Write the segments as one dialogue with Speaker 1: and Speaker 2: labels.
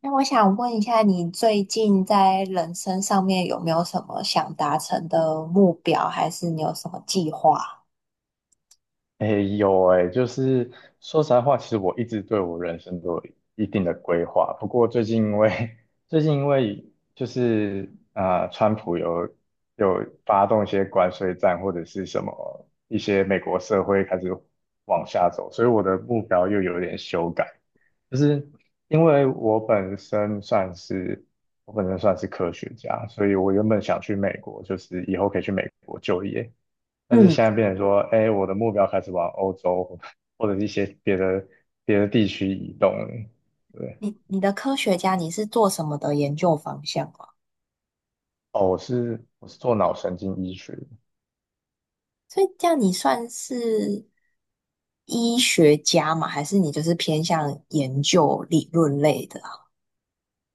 Speaker 1: 那我想问一下，你最近在人生上面有没有什么想达成的目标，还是你有什么计划？
Speaker 2: 哎有诶，就是说实在话，其实我一直对我人生都有一定的规划。不过最近因为 最近因为就是川普有发动一些关税战或者是什么一些美国社会开始往下走，所以我的目标又有点修改。就是因为我本身算是科学家，所以我原本想去美国，就是以后可以去美国就业。但是
Speaker 1: 嗯，
Speaker 2: 现在变成说，哎，我的目标开始往欧洲或或者一些别的地区移动了。对。
Speaker 1: 你的科学家你是做什么的研究方向啊？
Speaker 2: 哦，我是做脑神经医学的。
Speaker 1: 所以这样你算是医学家吗？还是你就是偏向研究理论类的啊。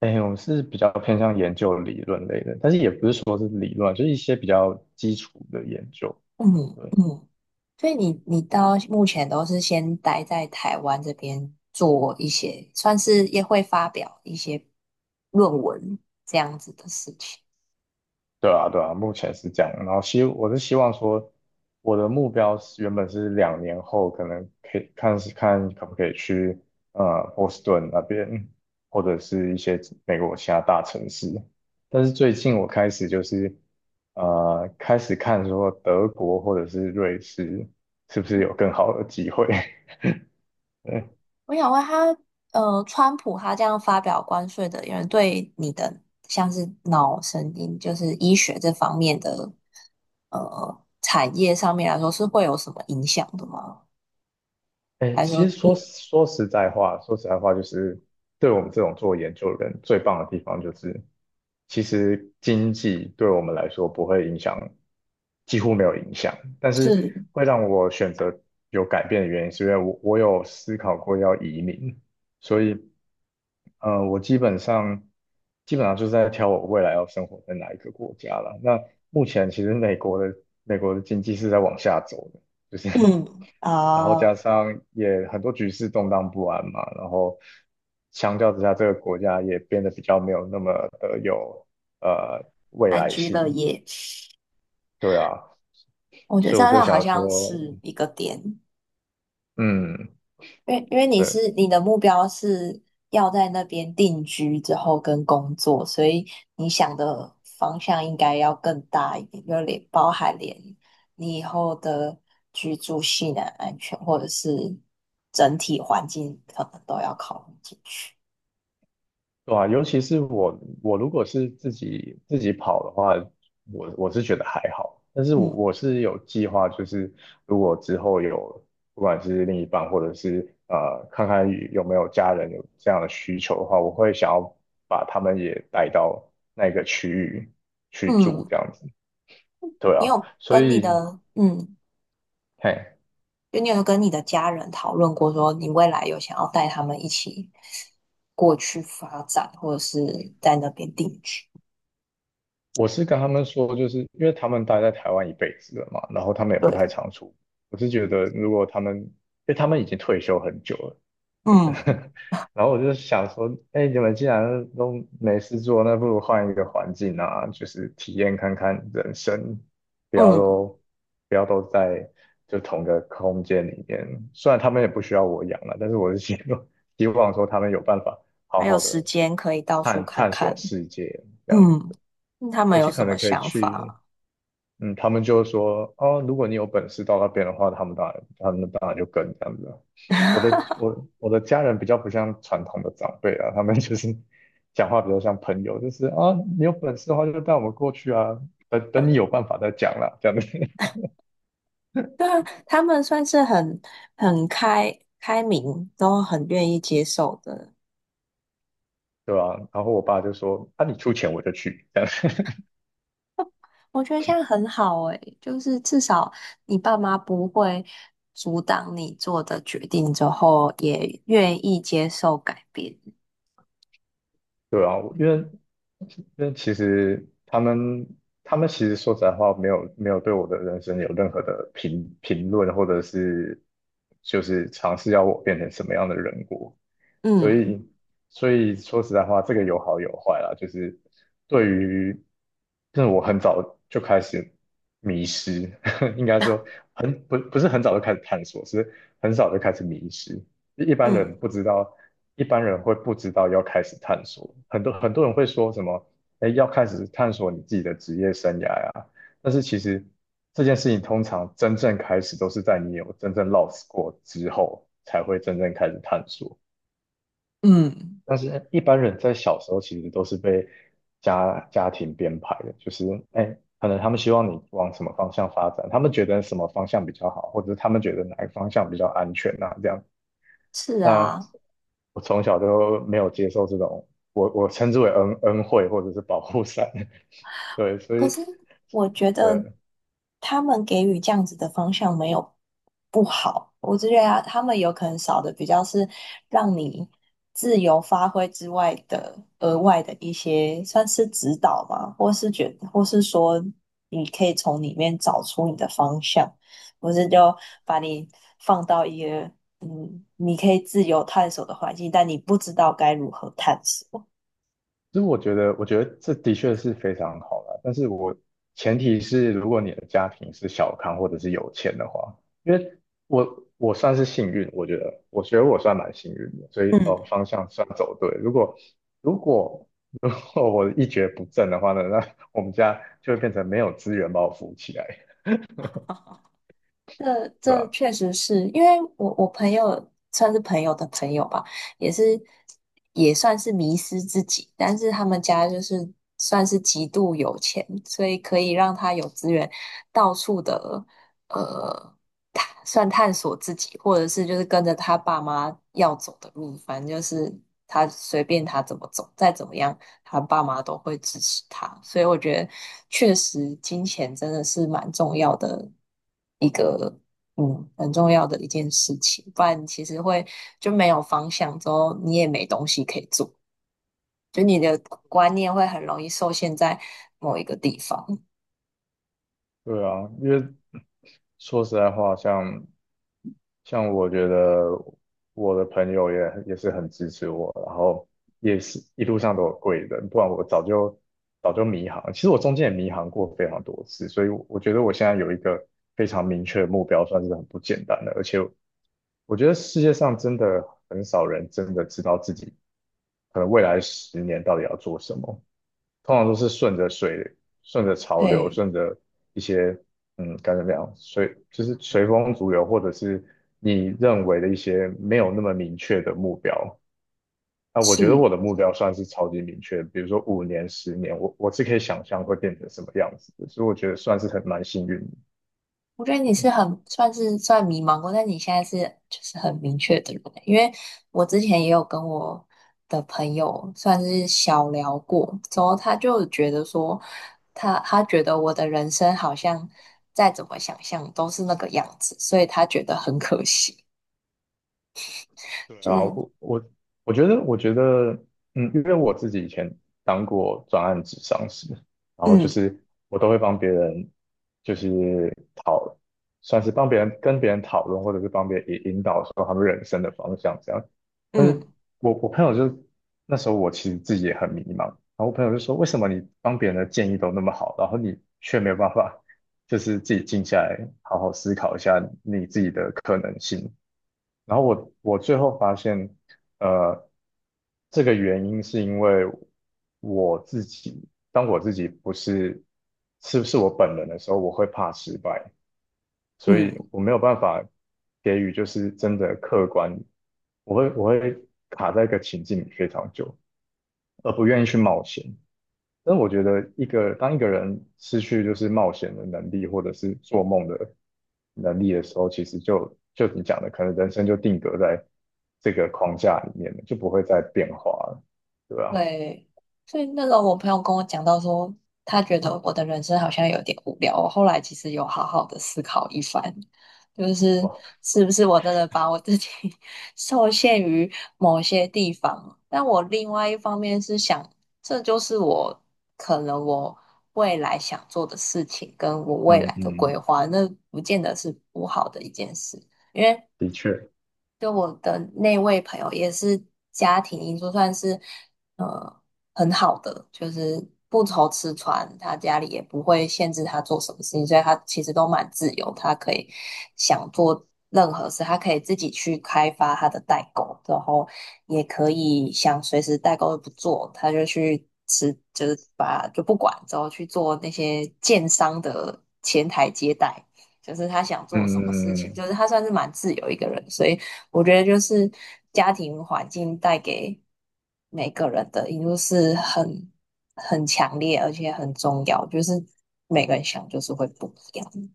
Speaker 2: 哎，我们是比较偏向研究理论类的，但是也不是说是理论，就是一些比较基础的研究。
Speaker 1: 嗯
Speaker 2: 对。
Speaker 1: 嗯。所以你到目前都是先待在台湾这边做一些，算是也会发表一些论文这样子的事情。
Speaker 2: 对啊，对啊，目前是这样。然后我是希望说，我的目标原本是两年后可能可以看可不可以去波士顿那边，或者是一些美国其他大城市。但是最近我开始就是开始看说德国或者是瑞士是不是有更好的机会。对。
Speaker 1: 我想问他，川普他这样发表关税的，有人对你的像是脑神经，就是医学这方面的产业上面来说，是会有什么影响的吗？
Speaker 2: 哎，
Speaker 1: 还是说，
Speaker 2: 其实
Speaker 1: 嗯，
Speaker 2: 说实在话，说实在话就是对我们这种做研究的人最棒的地方就是。其实经济对我们来说不会影响，几乎没有影响。但是
Speaker 1: 是，
Speaker 2: 会让我选择有改变的原因，是因为我有思考过要移民，所以我基本上基本上就是在挑我未来要生活在哪一个国家了。那目前其实美国的经济是在往下走的，就是
Speaker 1: 嗯，
Speaker 2: 然后加
Speaker 1: 啊、
Speaker 2: 上也很多局势动荡不安嘛，然后相较之下，这个国家也变得比较没有那么的有呃未
Speaker 1: 安
Speaker 2: 来
Speaker 1: 居
Speaker 2: 性。
Speaker 1: 乐业，
Speaker 2: 对啊。
Speaker 1: 我觉得
Speaker 2: 所
Speaker 1: 这
Speaker 2: 以我就
Speaker 1: 样好
Speaker 2: 想
Speaker 1: 像
Speaker 2: 说，
Speaker 1: 是一个点。
Speaker 2: 嗯。
Speaker 1: 因为你
Speaker 2: 对。
Speaker 1: 是你的目标是要在那边定居之后跟工作，所以你想的方向应该要更大一点，就连包含连你以后的居住性啊、安全，或者是整体环境，可能都要考虑进去。
Speaker 2: 对啊，尤其是我，我如果是自己跑的话，我是觉得还好。但是我
Speaker 1: 嗯
Speaker 2: 我是有计划，就是如果之后有，不管是另一半或者是看看有没有家人有这样的需求的话，我会想要把他们也带到那个区域去住，
Speaker 1: 嗯，
Speaker 2: 这样子。对
Speaker 1: 你
Speaker 2: 啊。
Speaker 1: 有
Speaker 2: 所
Speaker 1: 跟你
Speaker 2: 以，
Speaker 1: 的嗯，
Speaker 2: 嘿。
Speaker 1: 就你有跟你的家人讨论过，说你未来有想要带他们一起过去发展，或者是在那边定居？
Speaker 2: 我是跟他们说，就是因为他们待在台湾一辈子了嘛，然后他们也不
Speaker 1: 对。
Speaker 2: 太常出国。我是觉得，如果他们，因为他们已经退休很久了，
Speaker 1: 嗯
Speaker 2: 然后我就想说，哎，你们既然都没事做，那不如换一个环境啊，就是体验看看人生，不要
Speaker 1: 嗯，
Speaker 2: 都不要都在就同个空间里面。虽然他们也不需要我养了，但是我是希望 希望说他们有办法好
Speaker 1: 还有
Speaker 2: 好
Speaker 1: 时
Speaker 2: 的
Speaker 1: 间可以到处看
Speaker 2: 探索
Speaker 1: 看。
Speaker 2: 世界这样
Speaker 1: 嗯，
Speaker 2: 子，
Speaker 1: 他们
Speaker 2: 而
Speaker 1: 有
Speaker 2: 且
Speaker 1: 什
Speaker 2: 可
Speaker 1: 么
Speaker 2: 能可以
Speaker 1: 想
Speaker 2: 去。
Speaker 1: 法？
Speaker 2: 嗯，他们就说，哦，如果你有本事到那边的话，他们当然就跟这样子。我的家人比较不像传统的长辈啊，他们 就是讲话比较像朋友，就是啊，你有本事的话就带我们过去啊，等等你有办法再讲啦，这样子。
Speaker 1: 对啊，他们算是很很开明，都很愿意接受的。
Speaker 2: 对吧、然后我爸就说，啊，你出钱我就去，这样。
Speaker 1: 我觉得这样很好诶，就是至少你爸妈不会阻挡你做的决定之后，也愿意接受改变。
Speaker 2: 对啊，因为其实他们其实说实在话，没有对我的人生有任何的评论，或者是就是尝试要我变成什么样的人过，所
Speaker 1: 嗯
Speaker 2: 以，所以说实在话，这个有好有坏啦。就是对于，就是我很早就开始迷失，应该说不不是很早就开始探索，是很早就开始迷失。一般
Speaker 1: 嗯，
Speaker 2: 人不知道，一般人会不知道要开始探索。很多人会说什么，哎，要开始探索你自己的职业生涯呀、但是其实这件事情通常真正开始都是在你有真正 lost 过之后，才会真正开始探索。
Speaker 1: 嗯，
Speaker 2: 但是一般人在小时候其实都是被家庭编排的，就是哎，可能他们希望你往什么方向发展，他们觉得什么方向比较好，或者是他们觉得哪个方向比较安全啊，这样。
Speaker 1: 是
Speaker 2: 那
Speaker 1: 啊。
Speaker 2: 我从小就没有接受这种，我称之为恩惠或者是保护伞，对。所
Speaker 1: 可
Speaker 2: 以
Speaker 1: 是我觉得
Speaker 2: 对，
Speaker 1: 他们给予这样子的方向没有不好，我只觉得啊他们有可能少的比较是让你自由发挥之外的额外的一些算是指导嘛，或是觉或是说你可以从里面找出你的方向，不是就把你放到一个嗯你可以自由探索的环境，但你不知道该如何探索。
Speaker 2: 其实我觉得，我觉得这的确是非常好啦，但是我前提是，如果你的家庭是小康或者是有钱的话，因为我算是幸运，我觉得，我觉得我算蛮幸运的，所以哦
Speaker 1: 嗯，
Speaker 2: 方向算走对。如果如果 如果我一蹶不振的话呢，那我们家就会变成没有资源把我扶起来。
Speaker 1: 这
Speaker 2: 对
Speaker 1: 这
Speaker 2: 吧、
Speaker 1: 确实是因为我朋友算是朋友的朋友吧，也是也算是迷失自己，但是他们家就是算是极度有钱，所以可以让他有资源到处的呃探索自己，或者是就是跟着他爸妈要走的路，反正就是他随便他怎么走，再怎么样他爸妈都会支持他，所以我觉得确实金钱真的是蛮重要的一个，嗯，很重要的一件事情，不然其实会就没有方向，之后你也没东西可以做，就你的观念会很容易受限在某一个地方。
Speaker 2: 对啊，因为说实在话，像像我觉得我的朋友也也是很支持我，然后也是一路上都有贵人，不然我早就早就迷航。其实我中间也迷航过非常多次，所以我觉得我现在有一个非常明确的目标，算是很不简单的。而且我觉得世界上真的很少人真的知道自己可能未来10年到底要做什么。通常都是顺着水、顺着潮流、
Speaker 1: 对，
Speaker 2: 顺着一些该怎么样，就是随风逐流，或者是你认为的一些没有那么明确的目标。啊，我觉得
Speaker 1: 是，
Speaker 2: 我的目标算是超级明确的比如说5年、10年，我是可以想象会变成什么样子的，所以我觉得算是很蛮幸运的。
Speaker 1: 我觉得你是很算是算迷茫过，但你现在是就是很明确的人欸，因为我之前也有跟我的朋友算是小聊过，之后他就觉得说他觉得我的人生好像再怎么想象都是那个样子，所以他觉得很可惜，
Speaker 2: 对
Speaker 1: 就
Speaker 2: 然啊，后
Speaker 1: 是
Speaker 2: 我我觉得，我觉得，嗯，因为我自己以前当过专案咨商师，然后就
Speaker 1: 嗯
Speaker 2: 是我都会帮别人，就是讨，算是帮别人跟别人讨论，或者是帮别人引导说他们人生的方向这样。但
Speaker 1: 嗯
Speaker 2: 是我朋友就那时候我其实自己也很迷茫，然后我朋友就说，为什么你帮别人的建议都那么好，然后你却没有办法，就是自己静下来好好思考一下你自己的可能性，然后我最后发现，呃，这个原因是因为我自己，当我自己不是是不是我本人的时候，我会怕失败，所以
Speaker 1: 嗯。
Speaker 2: 我没有办法给予就是真的客观，我会卡在一个情境里非常久，而不愿意去冒险。但我觉得当一个人失去就是冒险的能力，或者是做梦的能力的时候，其实就你讲的，可能人生就定格在这个框架里面了，就不会再变化了，对吧？
Speaker 1: 对，所以那时候我朋友跟我讲到说，他觉得我的人生好像有点无聊。我后来其实有好好的思考一番，就是
Speaker 2: 哇。
Speaker 1: 是不是我真的把我自己 受限于某些地方？但我另外一方面是想，这就是我可能我未来想做的事情，跟我未
Speaker 2: 嗯
Speaker 1: 来的
Speaker 2: 嗯，
Speaker 1: 规划，那不见得是不好的一件事。因为
Speaker 2: 的确。
Speaker 1: 就我的那位朋友也是家庭因素，算是呃很好的，就是不愁吃穿，他家里也不会限制他做什么事情，所以他其实都蛮自由，他可以想做任何事，他可以自己去开发他的代购，然后也可以想随时代购不做，他就去吃，就是把就不管，之后去做那些建商的前台接待。就是他想
Speaker 2: 嗯
Speaker 1: 做什么事
Speaker 2: 嗯
Speaker 1: 情，
Speaker 2: 嗯，
Speaker 1: 就是他算是蛮自由一个人，所以我觉得就是家庭环境带给每个人的因素是很很强烈，而且很重要，就是每个人想就是会不一样。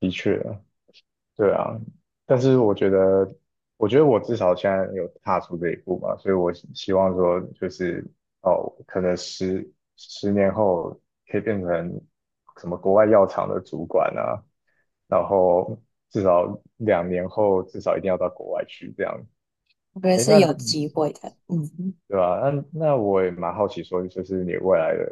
Speaker 2: 的确啊。对啊，但是我觉得，我觉得我至少现在有踏出这一步嘛，所以我希望说，就是哦，可能10年后可以变成什么国外药厂的主管啊，然后至少两年后至少一定要到国外去这样。
Speaker 1: 我觉得
Speaker 2: 诶，
Speaker 1: 是
Speaker 2: 那
Speaker 1: 有机会的，嗯，
Speaker 2: 对吧？那我也蛮好奇说，就是你未来的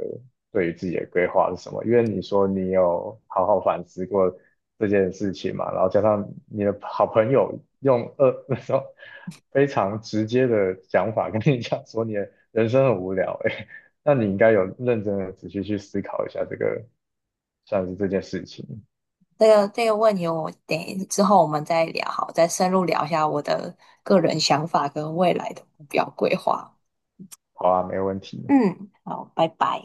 Speaker 2: 对于自己的规划是什么？因为你说你有好好反思过这件事情嘛，然后加上你的好朋友用那种非常直接的讲法跟你讲说你的人生很无聊、哎，那你应该有认真的仔细去思考一下这个，算是这件事情。
Speaker 1: 这个问题我之后我们再聊，好，再深入聊一下我的个人想法跟未来的目标规划。
Speaker 2: 好啊，没问题。
Speaker 1: 嗯，好，拜拜。